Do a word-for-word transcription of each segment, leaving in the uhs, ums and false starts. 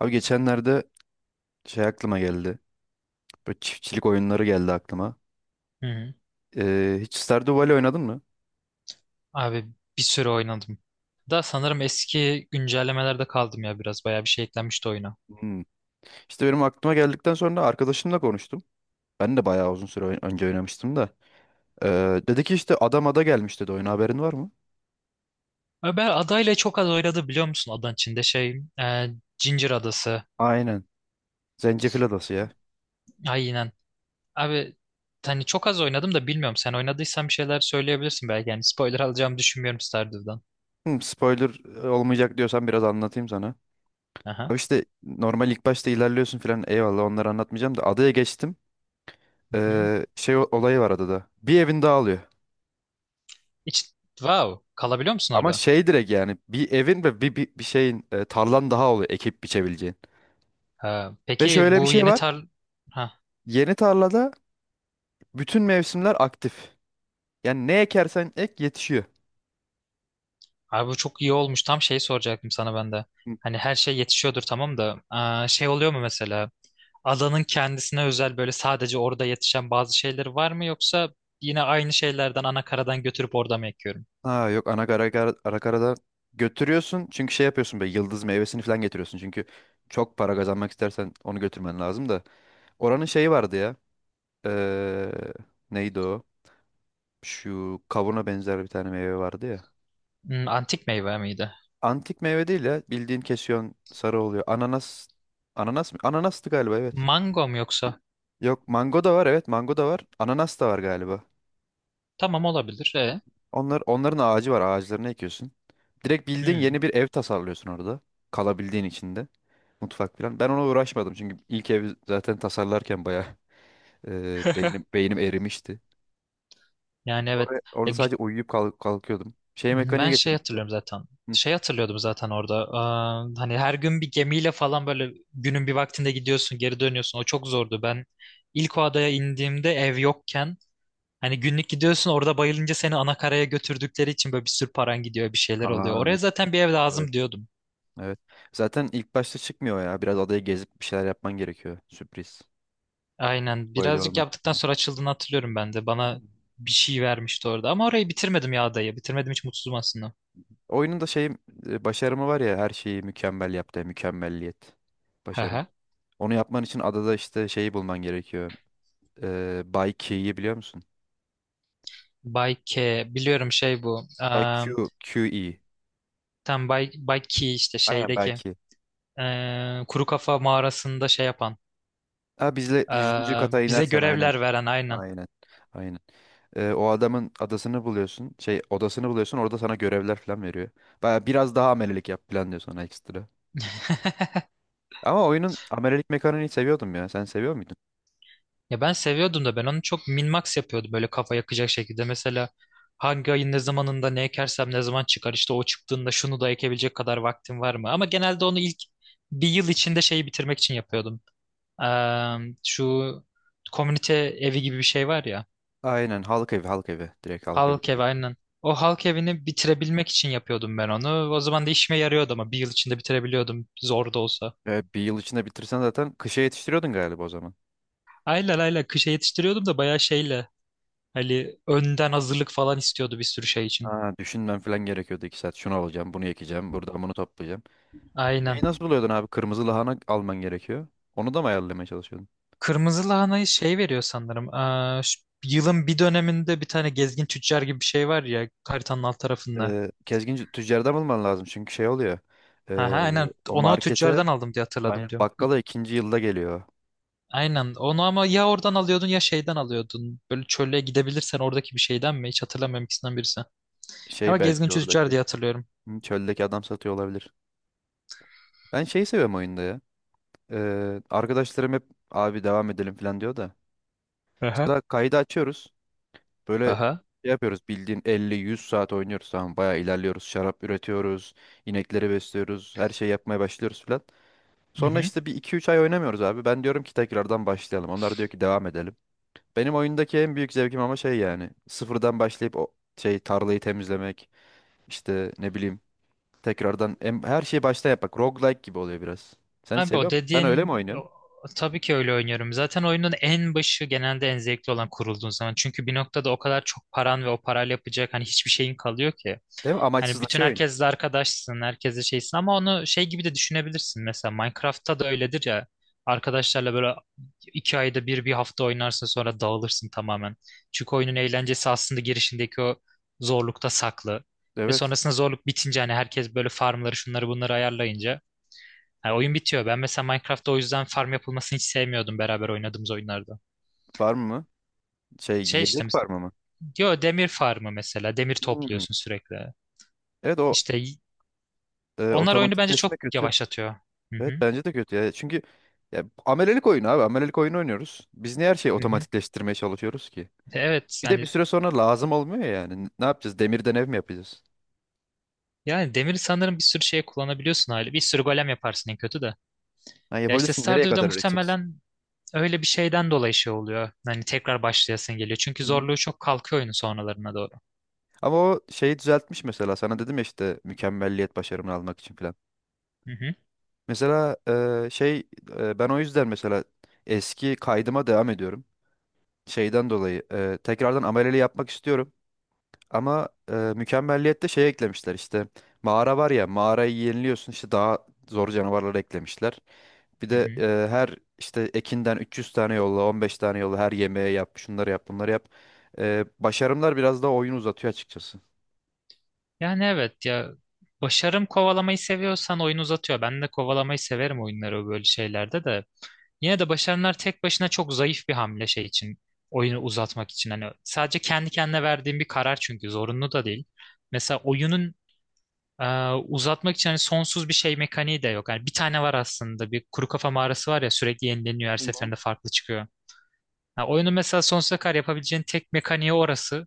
Abi geçenlerde şey aklıma geldi. Böyle çiftçilik oyunları geldi aklıma. Hı hı. Ee, hiç Stardew Valley oynadın mı? Abi bir süre oynadım. Da sanırım eski güncellemelerde kaldım ya biraz. Bayağı bir şey eklenmişti oyuna. Hmm. İşte benim aklıma geldikten sonra arkadaşımla konuştum. Ben de bayağı uzun süre oyn- önce oynamıştım da. Ee, dedi ki işte adam ada gelmiş dedi oyuna haberin var mı? Abi ben adayla çok az oynadı biliyor musun? Adanın içinde şey e, Ginger Adası. Aynen. Zencefil adası ya. Aynen. Abi hani çok az oynadım da bilmiyorum. Sen oynadıysan bir şeyler söyleyebilirsin belki. Yani spoiler alacağımı düşünmüyorum Stardew'dan. Hmm, spoiler e, olmayacak diyorsan biraz anlatayım sana. Aha. Abi işte normal ilk başta ilerliyorsun filan eyvallah onları anlatmayacağım da adaya geçtim. Hı hı. Ee, şey o- olayı var adada. Bir evin dağılıyor. Hiç, wow. Kalabiliyor musun Ama orada? şey direkt yani bir evin ve bir, bir, bir şeyin e, tarlan daha oluyor ekip biçebileceğin. Ha, Ve peki şöyle bir bu şey yeni var. tar... Ha, Yeni tarlada bütün mevsimler aktif. Yani ne ekersen ek yetişiyor. Abi bu çok iyi olmuş. Tam şey soracaktım sana ben de. Hı. Hani her şey yetişiyordur tamam da aa, şey oluyor mu mesela? Adanın kendisine özel böyle sadece orada yetişen bazı şeyler var mı yoksa yine aynı şeylerden ana karadan götürüp orada mı ekiyorum? Ha yok ana kara, kara, ara karada götürüyorsun. Çünkü şey yapıyorsun be yıldız meyvesini falan getiriyorsun. Çünkü çok para kazanmak istersen onu götürmen lazım da. Oranın şeyi vardı ya. Eee, Neydi o? Şu kavuna benzer bir tane meyve vardı ya. Hmm, antik meyve miydi? Antik meyve değil ya. Bildiğin kesiyorsun sarı oluyor. Ananas. Ananas mı? Ananastı galiba evet. Mango mu yoksa? Yok mango da var evet mango da var. Ananas da var galiba. Tamam olabilir. E. Onlar, onların ağacı var ağaçlarını ekiyorsun. Direkt bildiğin Hmm. yeni bir ev tasarlıyorsun orada. Kalabildiğin içinde. Mutfak falan. Ben ona uğraşmadım çünkü ilk evi zaten tasarlarken bayağı e, beynim, beynim erimişti. Yani Oraya, evet. Ya, orada gü- sadece uyuyup kalk- kalkıyordum. Şey mekaniği Ben şey getirmişler. hatırlıyorum zaten. Şey hatırlıyordum zaten orada. Eee, hani her gün bir gemiyle falan böyle günün bir vaktinde gidiyorsun, geri dönüyorsun. O çok zordu. Ben ilk o adaya indiğimde ev yokken hani günlük gidiyorsun orada bayılınca seni ana karaya götürdükleri için böyle bir sürü paran gidiyor, bir şeyler oluyor. Aa, Oraya zaten bir ev evet, lazım diyordum. evet. Zaten ilk başta çıkmıyor ya. Biraz adayı gezip bir şeyler yapman gerekiyor. Sürpriz. Aynen. Spoiler Birazcık olmasın yaptıktan diye. sonra açıldığını hatırlıyorum ben de. Bana bir şey vermişti orada. Ama orayı bitirmedim ya adayı. Bitirmedim hiç mutsuzum aslında. Oyunun da şey e, başarımı var ya her şeyi mükemmel yaptı. Mükemmelliyet. Hı Başarım. hı. Onu yapman için adada işte şeyi bulman gerekiyor. Ee, Bay Key'i biliyor musun? Bay K. Biliyorum şey bu. Belki Q, QE. Tam Bay, Bay Key işte Aynen şeydeki belki. eee, kuru kafa mağarasında şey yapan Ha bizle yüzüncü eee, kata bize inersen aynen. görevler veren aynen. Aynen. Aynen. Ee, o adamın adasını buluyorsun. Şey odasını buluyorsun. Orada sana görevler falan veriyor. Baya biraz daha amelelik yap falan diyor sana ekstra. Ama oyunun amelelik mekaniğini seviyordum ya. Sen seviyor muydun? Ya ben seviyordum da ben onu çok min-max yapıyordum böyle kafa yakacak şekilde. Mesela hangi ayın ne zamanında ne ekersem ne zaman çıkar işte o çıktığında şunu da ekebilecek kadar vaktim var mı? Ama genelde onu ilk bir yıl içinde şeyi bitirmek için yapıyordum. Eee, şu komünite evi gibi bir şey var ya. Aynen halk evi halk evi. Direkt halk Halk evi evi git. aynen. O halk evini bitirebilmek için yapıyordum ben onu. O zaman da işime yarıyordu ama bir yıl içinde bitirebiliyordum zor da olsa. Ee, bir yıl içinde bitirsen zaten kışa yetiştiriyordun galiba o zaman. Ayla ayla kışa yetiştiriyordum da bayağı şeyle. Hani önden hazırlık falan istiyordu bir sürü şey için. Ha, düşünmem falan gerekiyordu iki saat. Şunu alacağım, bunu ekeceğim, buradan bunu toplayacağım. Aynen. Şeyi nasıl buluyordun abi? Kırmızı lahana alman gerekiyor. Onu da mı ayarlamaya çalışıyordun? Kırmızı lahanayı şey veriyor sanırım. Aa, şu yılın bir döneminde bir tane gezgin tüccar gibi bir şey var ya haritanın alt tarafında. Ee, Kezgin c- tüccardan bulman lazım çünkü şey oluyor. Ha ha Ee, aynen O onu o markete tüccardan aldım diye hatırladım aynen diyorum. bakkala ikinci yılda geliyor. Aynen. Onu ama ya oradan alıyordun ya şeyden alıyordun. Böyle çöle gidebilirsen oradaki bir şeyden mi? Hiç hatırlamıyorum ikisinden birisi. Ama Şey gezgin belki tüccar oradaki. diye hatırlıyorum. hı, Çöldeki adam satıyor olabilir. Ben şeyi seviyorum oyunda ya. Ee, arkadaşlarım hep abi devam edelim falan diyor da. Aha, Mesela kaydı açıyoruz. Böyle aha. şey yapıyoruz bildiğin elli yüz saat oynuyoruz tamam bayağı ilerliyoruz. Şarap üretiyoruz. İnekleri besliyoruz. Her şeyi yapmaya başlıyoruz falan. Hı Sonra hı. işte bir iki üç ay oynamıyoruz abi. Ben diyorum ki tekrardan başlayalım. Onlar diyor ki devam edelim. Benim oyundaki en büyük zevkim ama şey yani sıfırdan başlayıp o şey tarlayı temizlemek işte ne bileyim tekrardan em- her şeyi baştan yapmak. Roguelike gibi oluyor biraz. Sen Abi o seviyor musun? Sen öyle mi dediğin oynuyorsun? o- tabii ki öyle oynuyorum. Zaten oyunun en başı genelde en zevkli olan kurulduğun zaman. Çünkü bir noktada o kadar çok paran ve o parayla yapacak hani hiçbir şeyin kalıyor ki. Değil mi? Hani bütün Amaçsızlaşıyor oyun. herkesle arkadaşsın, herkesle şeysin ama onu şey gibi de düşünebilirsin. Mesela Minecraft'ta da öyledir ya. Arkadaşlarla böyle iki ayda bir bir hafta oynarsın sonra dağılırsın tamamen. Çünkü oyunun eğlencesi aslında girişindeki o zorlukta saklı. Ve Evet. sonrasında zorluk bitince hani herkes böyle farmları şunları bunları ayarlayınca hani oyun bitiyor. Ben mesela Minecraft'ta o yüzden farm yapılmasını hiç sevmiyordum beraber oynadığımız oyunlarda. Farm mı? Şey Şey yiyecek işte farmı mı? diyor demir farmı mesela demir Hmm. topluyorsun sürekli. Evet o İşte e, onlar oyunu bence otomatikleşme çok kötü. yavaşlatıyor. Hı Evet hı, bence de kötü ya. Çünkü ya, amelelik oyunu abi. Amelelik oyunu oynuyoruz. Biz niye her şeyi hı hı. otomatikleştirmeye çalışıyoruz ki? Evet Bir de bir yani süre sonra lazım olmuyor yani. N- Ne yapacağız? Demirden ev mi yapacağız? yani demiri sanırım bir sürü şeye kullanabiliyorsun hali. Bir sürü golem yaparsın en kötü de. Ha, Ya işte yapabilirsin. Nereye Stardew'da kadar üreteceksin? muhtemelen öyle bir şeyden dolayı şey oluyor. Hani tekrar başlayasın geliyor. Çünkü Hı hı. zorluğu çok kalkıyor oyunun sonralarına doğru. Ama o şeyi düzeltmiş mesela. Sana dedim ya işte mükemmelliyet başarımını almak için falan. Hı hı, Mesela e, şey e, ben o yüzden mesela eski kaydıma devam ediyorum. Şeyden dolayı e, tekrardan ameleli yapmak istiyorum. Ama e, mükemmelliyette şey eklemişler işte mağara var ya mağarayı yeniliyorsun işte daha zor canavarları eklemişler. Bir hı de hı. e, her işte ekinden üç yüz tane yolla on beş tane yolla her yemeğe yap şunları yap bunları yap. E, başarımlar biraz daha oyunu uzatıyor açıkçası. Yani evet ya başarım kovalamayı seviyorsan oyunu uzatıyor. Ben de kovalamayı severim oyunları böyle şeylerde de. Yine de başaranlar tek başına çok zayıf bir hamle şey için. Oyunu uzatmak için. Hani sadece kendi kendine verdiğim bir karar çünkü zorunlu da değil. Mesela oyunun e, uzatmak için hani sonsuz bir şey mekaniği de yok. Yani bir tane var aslında. Bir kuru kafa mağarası var ya sürekli yenileniyor her Hı hı. seferinde farklı çıkıyor. Ha, oyunun mesela sonsuza kadar yapabileceğin tek mekaniği orası.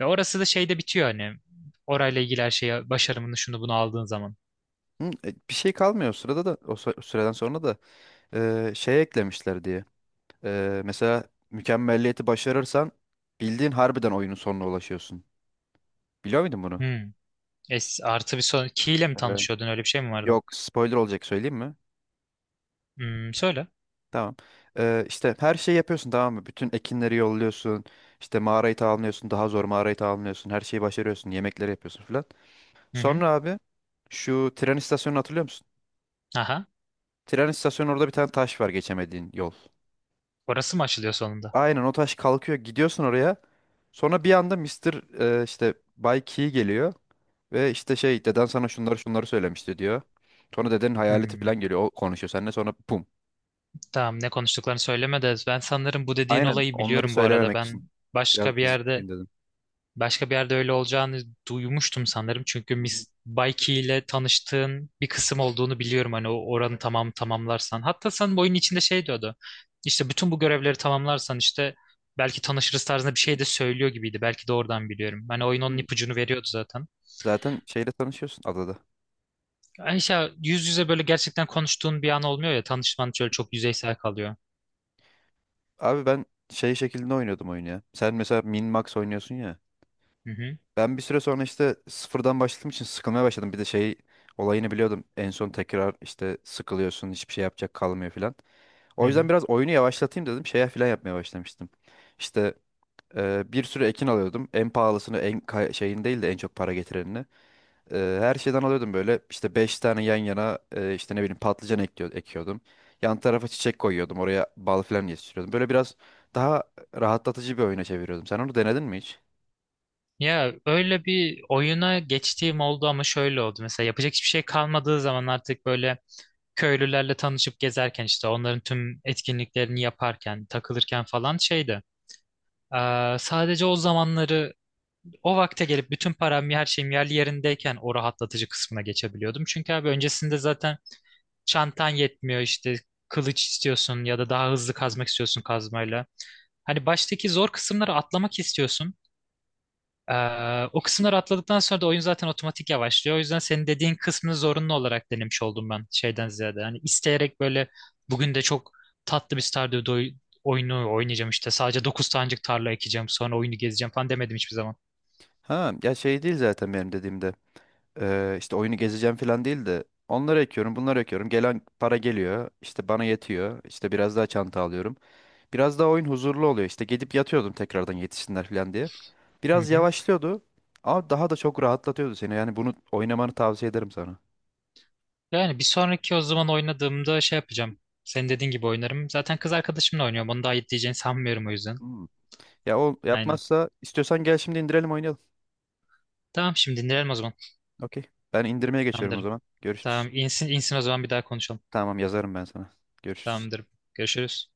Ve orası da şeyde bitiyor hani. Orayla ilgili her şeye başarımını şunu bunu aldığın zaman. Hı, e, Bir şey kalmıyor o sırada da o sı- süreden sonra da e, şey eklemişler diye. E, mesela mükemmelliyeti başarırsan bildiğin harbiden oyunun sonuna ulaşıyorsun. Biliyor muydun bunu? Hmm. Es, artı bir son. Key ile mi Evet. tanışıyordun öyle bir şey mi vardı? Yok spoiler olacak söyleyeyim mi? Hmm, söyle. Tamam. Ee, işte her şeyi yapıyorsun tamam mı? Bütün ekinleri yolluyorsun. İşte mağarayı tamamlıyorsun. Daha zor mağarayı tamamlıyorsun. Her şeyi başarıyorsun. Yemekleri yapıyorsun falan. Hı hı. Sonra abi şu tren istasyonunu hatırlıyor musun? Aha. Tren istasyonu orada bir tane taş var geçemediğin yol. Orası mı açılıyor sonunda? Aynen o taş kalkıyor. Gidiyorsun oraya. Sonra bir anda Mister e, işte Bay Key geliyor. Ve işte şey deden sana şunları şunları söylemişti diyor. Sonra dedenin hayaleti Hmm. falan geliyor. O konuşuyor seninle sonra pum. Tamam ne konuştuklarını söyleme de ben sanırım bu dediğin Aynen olayı onları biliyorum bu arada. söylememek Ben için. Biraz başka bir yerde gizliyim dedim. başka bir yerde öyle olacağını duymuştum sanırım. Çünkü Hı Miss Baiki ile tanıştığın bir kısım olduğunu biliyorum. Hani o oranı tamam tamamlarsan. Hatta sanırım oyunun içinde şey diyordu. İşte bütün bu görevleri tamamlarsan işte belki tanışırız tarzında bir şey de söylüyor gibiydi. Belki de oradan biliyorum. Hani oyun onun hı. ipucunu veriyordu zaten. Zaten şeyle tanışıyorsun adada. Yani işte yüz yüze böyle gerçekten konuştuğun bir an olmuyor ya. Tanışman şöyle çok yüzeysel kalıyor. Abi ben şey şeklinde oynuyordum oyunu ya. Sen mesela min max oynuyorsun ya. Hı hı. Ben bir süre sonra işte sıfırdan başladığım için sıkılmaya başladım. Bir de şey olayını biliyordum. En son tekrar işte sıkılıyorsun hiçbir şey yapacak kalmıyor filan. Hı O yüzden hı. biraz oyunu yavaşlatayım dedim. Şeye filan yapmaya başlamıştım. İşte e, bir sürü ekin alıyordum. En pahalısını en kay- şeyin değil de en çok para getirenini. Eee, her şeyden alıyordum böyle. İşte beş tane yan yana eee, işte ne bileyim patlıcan ekliyor, ekiyordum. Yan tarafa çiçek koyuyordum. Oraya bal falan yetiştiriyordum. Böyle biraz daha rahatlatıcı bir oyuna çeviriyordum. Sen onu denedin mi hiç? Ya öyle bir oyuna geçtiğim oldu ama şöyle oldu. Mesela yapacak hiçbir şey kalmadığı zaman artık böyle köylülerle tanışıp gezerken işte onların tüm etkinliklerini yaparken, takılırken falan şeydi. Ee, sadece o zamanları o vakte gelip bütün param her şeyim yerli yerindeyken o rahatlatıcı kısmına geçebiliyordum. Çünkü abi öncesinde zaten çantan yetmiyor işte kılıç istiyorsun ya da daha hızlı kazmak istiyorsun kazmayla. Hani baştaki zor kısımları atlamak istiyorsun. Ee, o kısımları atladıktan sonra da oyun zaten otomatik yavaşlıyor. O yüzden senin dediğin kısmını zorunlu olarak denemiş oldum ben şeyden ziyade. Hani isteyerek böyle bugün de çok tatlı bir Stardew doy- oyunu oynayacağım işte. Sadece dokuz tanecik tarla ekeceğim sonra oyunu gezeceğim falan demedim hiçbir zaman. Ha ya şey değil zaten benim dediğimde. Eee, işte oyunu gezeceğim falan değil de onları ekiyorum, bunları ekiyorum. Gelen para geliyor. İşte bana yetiyor. İşte biraz daha çanta alıyorum. Biraz daha oyun huzurlu oluyor. İşte gidip yatıyordum tekrardan yetişsinler falan diye. Hı Biraz hı. yavaşlıyordu ama daha da çok rahatlatıyordu seni. Yani bunu oynamanı tavsiye ederim sana. Yani bir sonraki o zaman oynadığımda şey yapacağım. Senin dediğin gibi oynarım. Zaten kız arkadaşımla oynuyorum. Onu da ayıp diyeceğini sanmıyorum o yüzden. Hmm. Ya o Aynen. yapmazsa istiyorsan gel şimdi indirelim oynayalım. Tamam şimdi dinleyelim o zaman. Okey. Ben indirmeye geçiyorum o Tamamdır. zaman. Görüşürüz. Tamam insin, insin o zaman bir daha konuşalım. Tamam yazarım ben sana. Görüşürüz. Tamamdır. Görüşürüz.